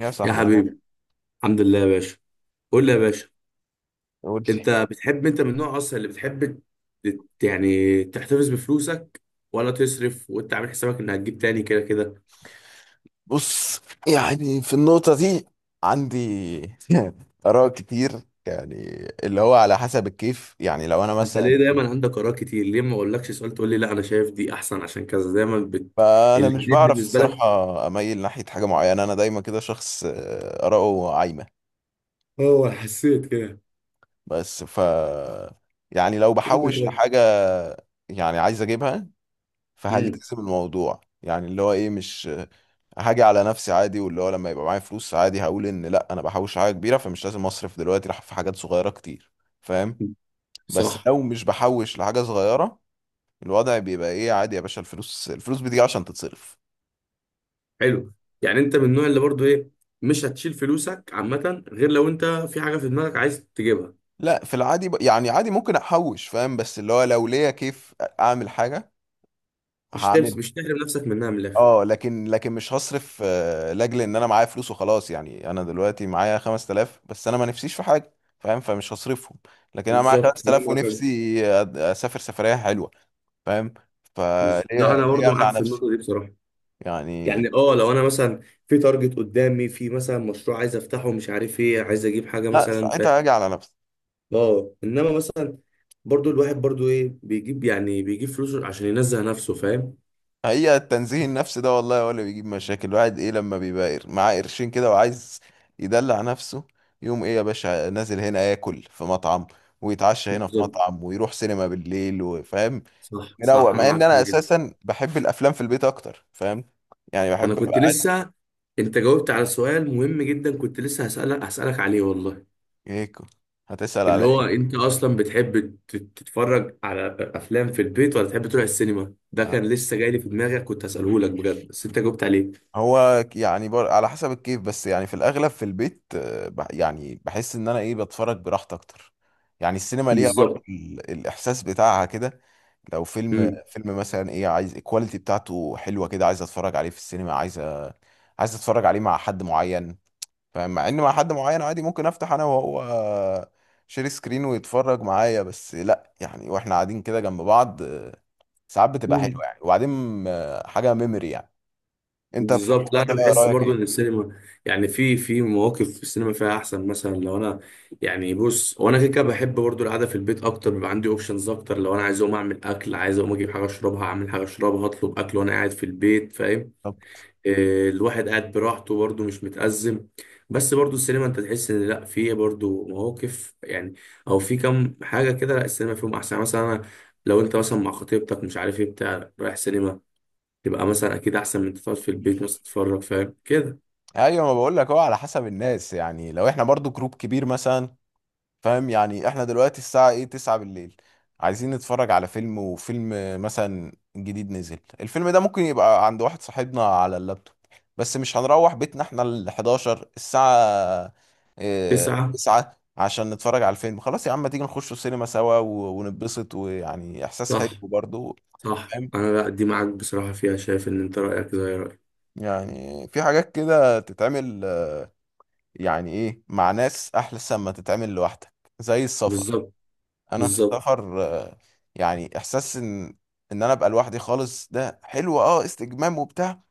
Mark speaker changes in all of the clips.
Speaker 1: يا
Speaker 2: يا
Speaker 1: صاحبي عامل
Speaker 2: حبيبي،
Speaker 1: ايه؟
Speaker 2: الحمد لله يا باشا. قول لي يا باشا،
Speaker 1: قول لي.
Speaker 2: انت بتحب، انت من النوع اصلا اللي بتحب يعني تحتفظ بفلوسك ولا تصرف وانت عامل حسابك انك هتجيب تاني كده كده؟
Speaker 1: بص، يعني في النقطة دي عندي آراء كتير. يعني اللي هو على حسب الكيف. يعني لو أنا
Speaker 2: انت ليه
Speaker 1: مثلا
Speaker 2: دايما عندك اراء كتير؟ ليه ما اقولكش سؤال تقول لي لا انا شايف دي احسن عشان كذا، دايما
Speaker 1: فأنا مش
Speaker 2: الاتنين
Speaker 1: بعرف
Speaker 2: بالنسبه لك؟
Speaker 1: الصراحة أميل ناحية حاجة معينة. أنا دايما كده شخص آراءه عايمة.
Speaker 2: اه حسيت كده.
Speaker 1: بس يعني لو
Speaker 2: قول لي
Speaker 1: بحوش
Speaker 2: طيب.
Speaker 1: لحاجة يعني عايز أجيبها،
Speaker 2: امم
Speaker 1: فهلتزم الموضوع. يعني اللي هو ايه، مش هاجي على نفسي عادي. واللي هو لما يبقى معايا فلوس عادي، هقول ان لا انا بحوش حاجه كبيره فمش لازم اصرف دلوقتي راح في حاجات صغيره كتير. فاهم؟ بس
Speaker 2: صح.
Speaker 1: لو مش بحوش لحاجه صغيره، الوضع بيبقى ايه، عادي يا باشا، الفلوس الفلوس بتيجي عشان تتصرف.
Speaker 2: حلو. يعني انت من النوع اللي برضو ايه، مش هتشيل فلوسك عامه غير لو انت في حاجه في دماغك عايز تجيبها.
Speaker 1: لا في العادي يعني عادي ممكن احوش، فاهم؟ بس اللي هو لو ليا كيف اعمل حاجه
Speaker 2: مش تمس،
Speaker 1: هعمل.
Speaker 2: مش تحرم نفسك منها من الاخر.
Speaker 1: اه، لكن مش هصرف، لاجل ان انا معايا فلوس وخلاص. يعني انا دلوقتي معايا 5,000 بس انا ما نفسيش في حاجه، فاهم؟ فمش هصرفهم. لكن انا معايا
Speaker 2: بالظبط، خليني
Speaker 1: 5,000
Speaker 2: معاك.
Speaker 1: ونفسي اسافر سفريه حلوه، فاهم؟
Speaker 2: لا
Speaker 1: فليه
Speaker 2: انا
Speaker 1: ليه
Speaker 2: برضو
Speaker 1: امنع
Speaker 2: معاك في
Speaker 1: نفسي؟
Speaker 2: النقطه دي بصراحه.
Speaker 1: يعني
Speaker 2: يعني اه لو انا مثلا في تارجت قدامي، في مثلا مشروع عايز افتحه، مش عارف ايه، عايز اجيب حاجه
Speaker 1: لا
Speaker 2: مثلا ف
Speaker 1: ساعتها هاجي على نفسي.
Speaker 2: اه، انما مثلا برضو الواحد ايه بيجيب، يعني بيجيب فلوسه عشان ينزه نفسه، فاهم؟
Speaker 1: هي التنزيه النفسي ده والله هو اللي بيجيب مشاكل الواحد ايه، لما بيبقى معاه قرشين كده وعايز يدلع نفسه. يوم ايه يا باشا نازل هنا ياكل في مطعم، ويتعشى هنا في
Speaker 2: بالظبط.
Speaker 1: مطعم، ويروح سينما بالليل، وفاهم؟
Speaker 2: صح صح،
Speaker 1: مروق.
Speaker 2: انا
Speaker 1: مع
Speaker 2: معاك
Speaker 1: ان انا
Speaker 2: فيها جدا.
Speaker 1: اساسا بحب الافلام في البيت اكتر، فاهم؟ يعني
Speaker 2: انا
Speaker 1: بحب
Speaker 2: كنت
Speaker 1: ابقى
Speaker 2: لسه، انت جاوبت على سؤال مهم جدا، كنت لسه هسألك عليه والله.
Speaker 1: ايكو. هتسأل على
Speaker 2: اللي هو
Speaker 1: ايه؟
Speaker 2: انت اصلا بتحب تتفرج على افلام في البيت ولا تحب تروح السينما؟ ده كان لسه جاي لي في دماغك، كنت هساله لك بجد، بس انت جاوبت عليه.
Speaker 1: هو يعني على حسب الكيف، بس يعني في الاغلب في البيت. يعني بحس ان انا ايه، بتفرج براحتي اكتر. يعني السينما ليها برضه
Speaker 2: بالظبط.
Speaker 1: الاحساس بتاعها كده. لو فيلم
Speaker 2: امم
Speaker 1: فيلم مثلا ايه، عايز الكواليتي بتاعته حلوه كده، عايز اتفرج عليه في السينما، عايز عايز اتفرج عليه مع حد معين. فمع ان مع حد معين عادي، ممكن افتح انا وهو شير سكرين ويتفرج معايا. بس لا يعني واحنا قاعدين كده جنب بعض، ساعات بتبقى
Speaker 2: امم
Speaker 1: حلوه يعني. وبعدين حاجه ميموري يعني. انت في
Speaker 2: بالظبط. لا
Speaker 1: الحوار ده
Speaker 2: انا بحس
Speaker 1: رايك
Speaker 2: برضو
Speaker 1: ايه؟
Speaker 2: ان السينما، يعني في مواقف في السينما فيها احسن. مثلا لو انا، يعني بص، وانا كده كده بحب برضو القعده في البيت اكتر، بيبقى عندي اوبشنز اكتر. لو انا عايز اقوم اعمل اكل، عايز اقوم اجيب حاجه اشربها، اعمل حاجه اشربها، اطلب اكل وانا قاعد في البيت، فاهم؟
Speaker 1: طب،
Speaker 2: الواحد قاعد براحته برضه، مش متأزم. بس برضه السينما انت تحس ان لا، في برضه مواقف يعني، او في كم حاجة كده لا السينما فيهم احسن. يعني مثلا انا، لو انت مثلا مع خطيبتك، مش عارف ايه بتاع، رايح سينما، تبقى مثلا اكيد احسن من انت تقعد في البيت مثلا تتفرج، فاهم كده؟
Speaker 1: ايوه، ما بقول لك هو على حسب الناس. يعني لو احنا برضو جروب كبير مثلا، فاهم؟ يعني احنا دلوقتي الساعة ايه، 9 بالليل، عايزين نتفرج على فيلم، وفيلم مثلا جديد نزل الفيلم ده، ممكن يبقى عند واحد صاحبنا على اللابتوب. بس مش هنروح بيتنا احنا ال 11 الساعة، اه
Speaker 2: تسعة،
Speaker 1: 9، عشان نتفرج على الفيلم. خلاص يا عم، ما تيجي نخش السينما سوا ونتبسط، ويعني احساس حلو
Speaker 2: صح.
Speaker 1: برضه،
Speaker 2: صح،
Speaker 1: فاهم؟
Speaker 2: انا لا دي معاك بصراحة فيها، شايف ان انت رأيك زي رأيي.
Speaker 1: يعني في حاجات كده تتعمل، يعني ايه، مع ناس احلى ما تتعمل لوحدك. زي السفر.
Speaker 2: بالظبط.
Speaker 1: انا في
Speaker 2: بالظبط.
Speaker 1: السفر، يعني احساس ان انا ابقى لوحدي خالص ده حلو، اه، استجمام وبتاع.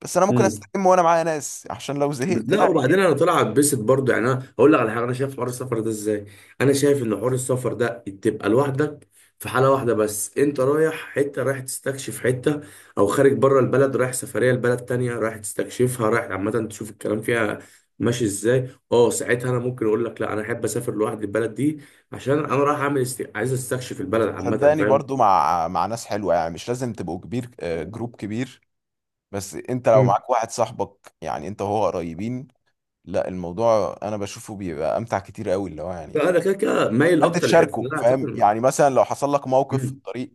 Speaker 1: بس انا ممكن
Speaker 2: مم.
Speaker 1: استجم وانا معايا ناس عشان لو زهقت
Speaker 2: لا، وبعدين
Speaker 1: يعني.
Speaker 2: انا طلع اتبسط برضه. يعني انا هقول لك على حاجه، انا شايف حوار السفر ده ازاي. انا شايف ان حوار السفر ده تبقى لوحدك في حاله واحده بس، انت رايح حته، رايح تستكشف حته، او خارج بره البلد، رايح سفريه لبلد تانية رايح تستكشفها، رايح عامه تشوف الكلام فيها ماشي ازاي. اه، ساعتها انا ممكن اقول لك لا انا احب اسافر لوحدي البلد دي، عشان انا رايح اعمل عايز استكشف البلد عامه،
Speaker 1: صدقني
Speaker 2: فاهم؟
Speaker 1: برضو مع ناس حلوه، يعني مش لازم تبقوا كبير، جروب كبير. بس انت لو
Speaker 2: مم.
Speaker 1: معاك واحد صاحبك، يعني انت وهو قريبين. لا الموضوع انا بشوفه بيبقى امتع كتير قوي، اللي هو يعني
Speaker 2: فانا كده كده مايل
Speaker 1: حد
Speaker 2: اكتر للحته اللي
Speaker 1: تشاركه،
Speaker 2: انا
Speaker 1: فاهم؟
Speaker 2: هسافر.
Speaker 1: يعني مثلا لو حصل لك موقف في
Speaker 2: مم.
Speaker 1: الطريق،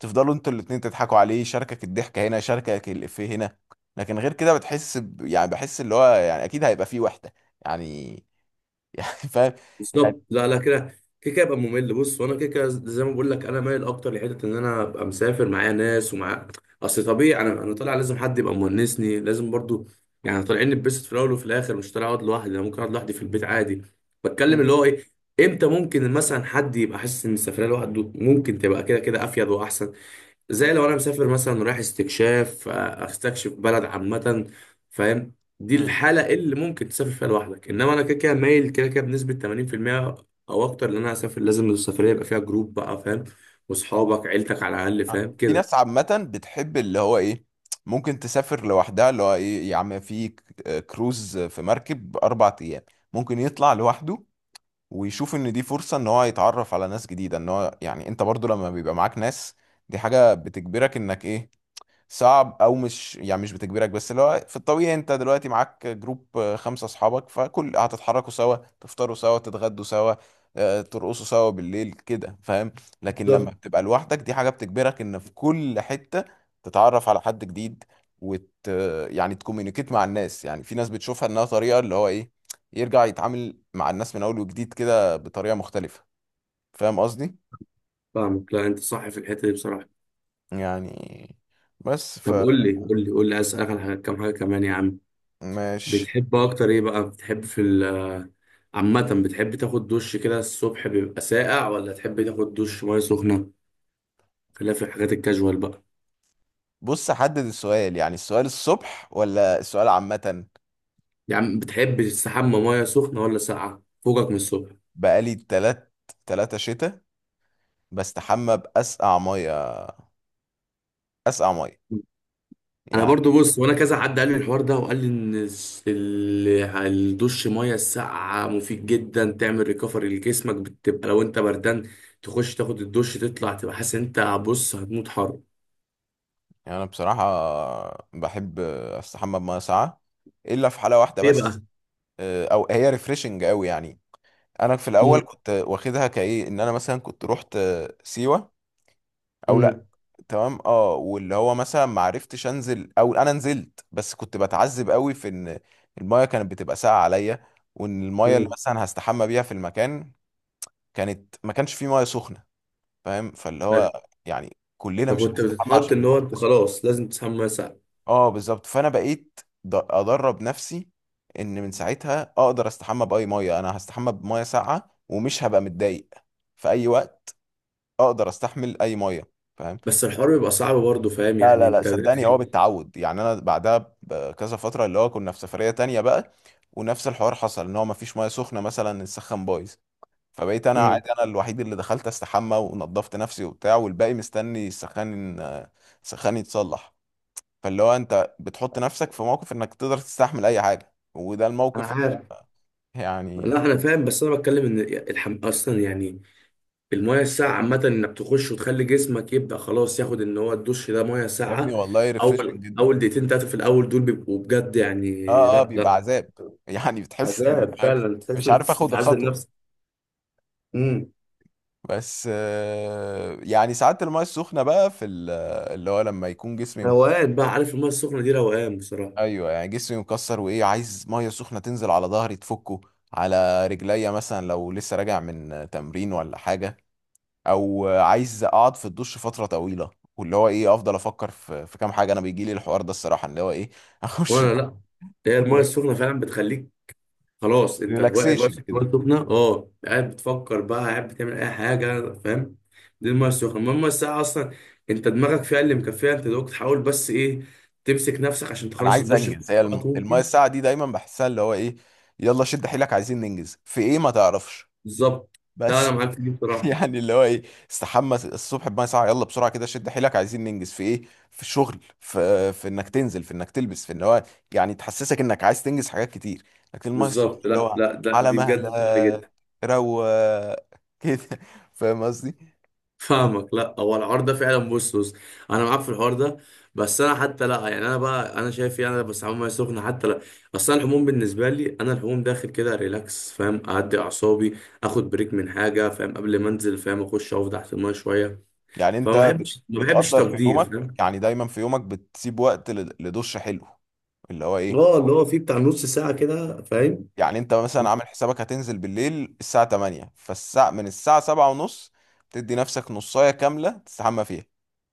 Speaker 1: تفضلوا انتوا الاتنين تضحكوا عليه، يشاركك الضحكة هنا، يشاركك الإفيه هنا. لكن غير كده بتحس يعني بحس اللي هو يعني أكيد هيبقى فيه وحدة. يعني يعني فاهم؟ يعني.
Speaker 2: بالظبط. لا كده، كده كده يبقى ممل. بص، وانا كده كده زي ما بقول لك انا مايل اكتر لحته ان انا ابقى مسافر معايا ناس ومع، اصل طبيعي انا طالع لازم حد يبقى مونسني، لازم برضو. يعني طالعين نتبسط في الاول وفي الاخر، مش طالع اقعد لوحدي، انا ممكن اقعد لوحدي في البيت عادي. بتكلم
Speaker 1: مم.
Speaker 2: اللي هو ايه، امتى ممكن مثلا حد يبقى حاسس ان السفريه لوحده ممكن تبقى كده كده افيد واحسن. زي لو انا مسافر مثلا رايح استكشاف، استكشف بلد عامة، فاهم؟ دي
Speaker 1: مم.
Speaker 2: الحالة اللي ممكن تسافر فيها لوحدك. انما انا كده كده مايل كده كده بنسبة 80% او اكتر، ان انا اسافر لازم السفرية يبقى فيها جروب بقى، فاهم؟ واصحابك، عيلتك على الاقل، فاهم
Speaker 1: في
Speaker 2: كده؟
Speaker 1: ناس عامة بتحب اللي هو إيه، ممكن تسافر لوحدها. اللي هو إيه، يا عم في كروز في مركب 4 أيام، ممكن يطلع لوحده، ويشوف إن دي فرصة إن هو يتعرف على ناس جديدة. إن هو يعني أنت برضو لما بيبقى معاك ناس، دي حاجة بتجبرك إنك إيه، صعب او مش، يعني مش بتجبرك، بس اللي هو في الطبيعي انت دلوقتي معاك جروب، 5 اصحابك، فكل هتتحركوا سوا، تفطروا سوا، تتغدوا سوا، ترقصوا سوا بالليل كده، فاهم؟ لكن لما
Speaker 2: بالظبط.
Speaker 1: بتبقى لوحدك، دي حاجة بتجبرك ان في كل حتة تتعرف على حد جديد، وت يعني تكومينيكيت مع الناس. يعني في ناس بتشوفها انها طريقة اللي هو ايه، يرجع يتعامل مع الناس من اول وجديد كده بطريقة مختلفة، فاهم قصدي؟
Speaker 2: فاهمك. لا انت صح في الحتة دي بصراحة.
Speaker 1: يعني. بس.
Speaker 2: طب قول لي، قول لي عايز اسالك على كام حاجة كمان يا عم.
Speaker 1: فماشي.
Speaker 2: بتحب اكتر ايه بقى؟ بتحب في ال عامة، بتحب تاخد دش كده الصبح بيبقى ساقع ولا تحب تاخد دش مية سخنة؟ خلاف الحاجات الكاجوال بقى.
Speaker 1: بص، حدد السؤال، يعني السؤال الصبح ولا السؤال عامة؟
Speaker 2: يا عم بتحب تستحمى ميه سخنه ولا ساقعه فوقك من الصبح؟
Speaker 1: بقالي 3 شتاء بستحمى بأسقع مية، أسقع مية
Speaker 2: انا
Speaker 1: يعني.
Speaker 2: برضو بص، وانا كذا حد قال لي الحوار ده وقال لي ان الدش ميه الساقعه مفيد جدا، تعمل ريكفري لجسمك، بتبقى لو انت بردان تخش تاخد الدش تطلع تبقى حاسس ان انت، بص هتموت حر.
Speaker 1: أنا بصراحة بحب أستحمى بمية ساقعة، إلا في حالة واحدة
Speaker 2: ليه بقى؟
Speaker 1: بس. أو هي ريفريشنج أوي يعني. أنا في الأول
Speaker 2: امم
Speaker 1: كنت واخدها كإيه إن أنا مثلا كنت رحت سيوة أو
Speaker 2: امم
Speaker 1: تمام، اه، واللي هو مثلا ما عرفتش انزل او انا نزلت بس كنت بتعذب قوي في ان المايه كانت بتبقى ساقعه عليا، وان المايه اللي
Speaker 2: امم
Speaker 1: مثلا هستحمى بيها في المكان كانت ما كانش فيه مايه سخنه، فاهم؟ فاللي هو يعني كلنا مش
Speaker 2: فكنت
Speaker 1: هنستحمى
Speaker 2: بتتحط
Speaker 1: عشان
Speaker 2: ان
Speaker 1: مفيش
Speaker 2: هو
Speaker 1: مية
Speaker 2: انت
Speaker 1: سخنة.
Speaker 2: خلاص لازم تسحب ميه ساقعه.
Speaker 1: اه بالظبط. فانا بقيت ادرب نفسي ان من ساعتها اقدر استحمى باي مايه. انا هستحمى بمايه ساقعه ومش هبقى متضايق. في اي وقت اقدر استحمل اي مايه، فاهم؟
Speaker 2: بس الحوار بيبقى صعب برضه، فاهم
Speaker 1: لا
Speaker 2: يعني
Speaker 1: لا لا،
Speaker 2: انت؟
Speaker 1: صدقني هو بالتعود. يعني انا بعدها بكذا فتره اللي هو كنا في سفريه تانية بقى، ونفس الحوار حصل ان هو مفيش ميه سخنه، مثلا السخن بايظ. فبقيت انا
Speaker 2: امم
Speaker 1: عادي، انا الوحيد اللي دخلت استحمى ونضفت نفسي وبتاع، والباقي مستني السخان، السخان يتصلح. فاللي هو انت بتحط نفسك في موقف انك تقدر تستحمل اي حاجه، وده
Speaker 2: انا
Speaker 1: الموقف اللي
Speaker 2: عارف.
Speaker 1: هو يعني.
Speaker 2: لا انا فاهم، بس انا بتكلم ان اصلا يعني الميه الساقعه عامه انك تخش وتخلي جسمك يبدا خلاص ياخد ان هو الدش ده ميه
Speaker 1: يا ابني
Speaker 2: ساقعه.
Speaker 1: والله
Speaker 2: اول
Speaker 1: ريفريشنج جدا.
Speaker 2: اول دقيقتين ثلاثه في الاول دول بيبقوا بجد يعني.
Speaker 1: اه اه،
Speaker 2: لا
Speaker 1: بيبقى
Speaker 2: لا
Speaker 1: عذاب يعني. بتحس ان،
Speaker 2: عذاب
Speaker 1: فاهم؟
Speaker 2: فعلا، تحس
Speaker 1: مش
Speaker 2: إن انت
Speaker 1: عارف اخد
Speaker 2: بتعذب
Speaker 1: الخطوه.
Speaker 2: نفسك. امم،
Speaker 1: بس يعني ساعات المايه السخنه بقى في اللي هو لما يكون جسمي
Speaker 2: روقان بقى. عارف الميه السخنه دي روقان بصراحه.
Speaker 1: ايوه يعني جسمي مكسر وايه، عايز ميه سخنه تنزل على ظهري تفكه، على رجليا مثلا لو لسه راجع من تمرين ولا حاجه، او عايز اقعد في الدش فتره طويله. واللي هو ايه، افضل افكر في كام حاجه انا بيجي لي الحوار ده الصراحه، اللي هو ايه، اخش
Speaker 2: وانا لا، هي الميه السخنه فعلا بتخليك، خلاص انت واقف
Speaker 1: ريلاكسيشن
Speaker 2: في الميه
Speaker 1: كده.
Speaker 2: السخنه، اه قاعد بتفكر بقى، قاعد بتعمل اي حاجه، فاهم؟ دي الميه السخنه. المهم الميه الساقعه اصلا، انت دماغك فيها اللي مكفيها، انت دوك تحاول بس ايه، تمسك نفسك عشان
Speaker 1: انا
Speaker 2: تخلص
Speaker 1: عايز
Speaker 2: الدش في
Speaker 1: انجز،
Speaker 2: أقصى
Speaker 1: هي
Speaker 2: وقت
Speaker 1: المايه
Speaker 2: ممكن.
Speaker 1: الساعه دي دايما بحسها اللي هو ايه، يلا شد حيلك، عايزين ننجز في ايه ما تعرفش.
Speaker 2: بالظبط، لا
Speaker 1: بس
Speaker 2: انا معاك في دي بصراحه.
Speaker 1: يعني اللي هو ايه، استحمى الصبح بميه ساقعه، يلا بسرعه كده، شد حيلك، عايزين ننجز في ايه، في الشغل، في انك تنزل، في انك تلبس، في ان هو يعني تحسسك انك عايز تنجز حاجات كتير. لكن الميه السخنه
Speaker 2: بالظبط،
Speaker 1: اللي
Speaker 2: لا
Speaker 1: هو،
Speaker 2: لا لا
Speaker 1: على
Speaker 2: دي بجد
Speaker 1: مهلك،
Speaker 2: صح جدا.
Speaker 1: روق كده، فاهم قصدي؟
Speaker 2: فاهمك. لا، هو الحوار ده فعلا، بص بص، انا معاك في الحوار ده. بس انا حتى لا، يعني انا بقى انا شايف، يعني انا بستعمل ميه سخنه حتى لا، اصل أنا الحموم بالنسبه لي، انا الحموم داخل كده ريلاكس، فاهم، اهدي اعصابي، اخد بريك من حاجه، فاهم، قبل ما انزل، فاهم، اخش اقف تحت الميه شويه.
Speaker 1: يعني انت
Speaker 2: فما بحبش، ما بحبش
Speaker 1: بتقدر في
Speaker 2: تقدير،
Speaker 1: يومك،
Speaker 2: فاهم؟
Speaker 1: يعني دايما في يومك بتسيب وقت لدش حلو. اللي هو ايه،
Speaker 2: اه، اللي هو فيه بتاع نص ساعه كده، فاهم؟
Speaker 1: يعني انت مثلا عامل حسابك هتنزل بالليل الساعة 8، من الساعة 7 ونص تدي نفسك نصاية كاملة تستحمى فيها.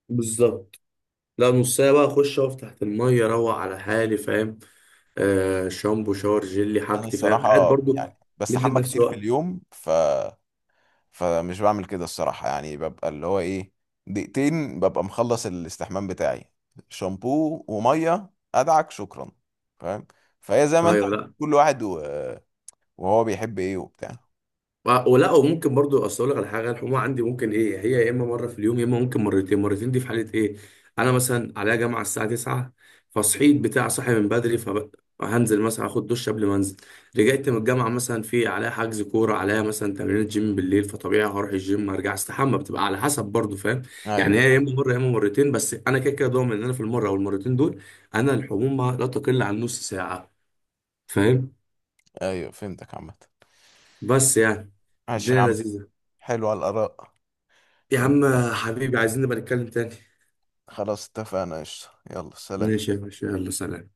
Speaker 2: بالظبط. لا نص ساعه بقى، اخش اقف تحت الميه اروق على حالي، فاهم، آه شامبو شاور جيلي
Speaker 1: انا
Speaker 2: حاجتي، فاهم، قاعد
Speaker 1: الصراحه
Speaker 2: برضو
Speaker 1: يعني
Speaker 2: مدي
Speaker 1: بستحمى
Speaker 2: لنفسي
Speaker 1: كتير في
Speaker 2: وقت.
Speaker 1: اليوم فمش بعمل كده الصراحه. يعني ببقى اللي هو ايه، دقيقتين ببقى مخلص الاستحمام بتاعي، شامبو وميه، ادعك شكرا، فاهم؟ فهي زي ما انت
Speaker 2: ايوه.
Speaker 1: بتقول،
Speaker 2: لا،
Speaker 1: كل واحد وهو بيحب ايه وبتاع.
Speaker 2: ولا وممكن برضو، اصل اقول لك على حاجه، الحمومه عندي ممكن ايه، هي يا اما مره في اليوم يا اما ممكن مرتين. مرتين دي في حاله ايه، انا مثلا عليا جامعه الساعه 9، فصحيت بتاع، صاحي من بدري، فهنزل مثلا اخد دش قبل ما انزل. رجعت من الجامعه مثلا في عليا حجز كوره، عليا مثلا تمرين جيم بالليل، فطبيعي هروح الجيم ارجع استحمى. بتبقى على حسب برضو، فاهم؟
Speaker 1: ايوه
Speaker 2: يعني هي يا اما مره يا اما مرتين. بس انا كده كده ضامن ان انا في المره او المرتين دول، انا الحمومه لا تقل عن نص ساعه، فاهم؟
Speaker 1: ايوه، فهمتك عامه.
Speaker 2: بس يعني
Speaker 1: ماشي يا
Speaker 2: الدنيا
Speaker 1: عم،
Speaker 2: لذيذه
Speaker 1: حلوة الاراء.
Speaker 2: يا عم.
Speaker 1: يبقى
Speaker 2: حبيبي، عايزين نبقى نتكلم تاني.
Speaker 1: خلاص، اتفقنا قشطة. يلا سلام.
Speaker 2: ماشي يا باشا، يلا سلام.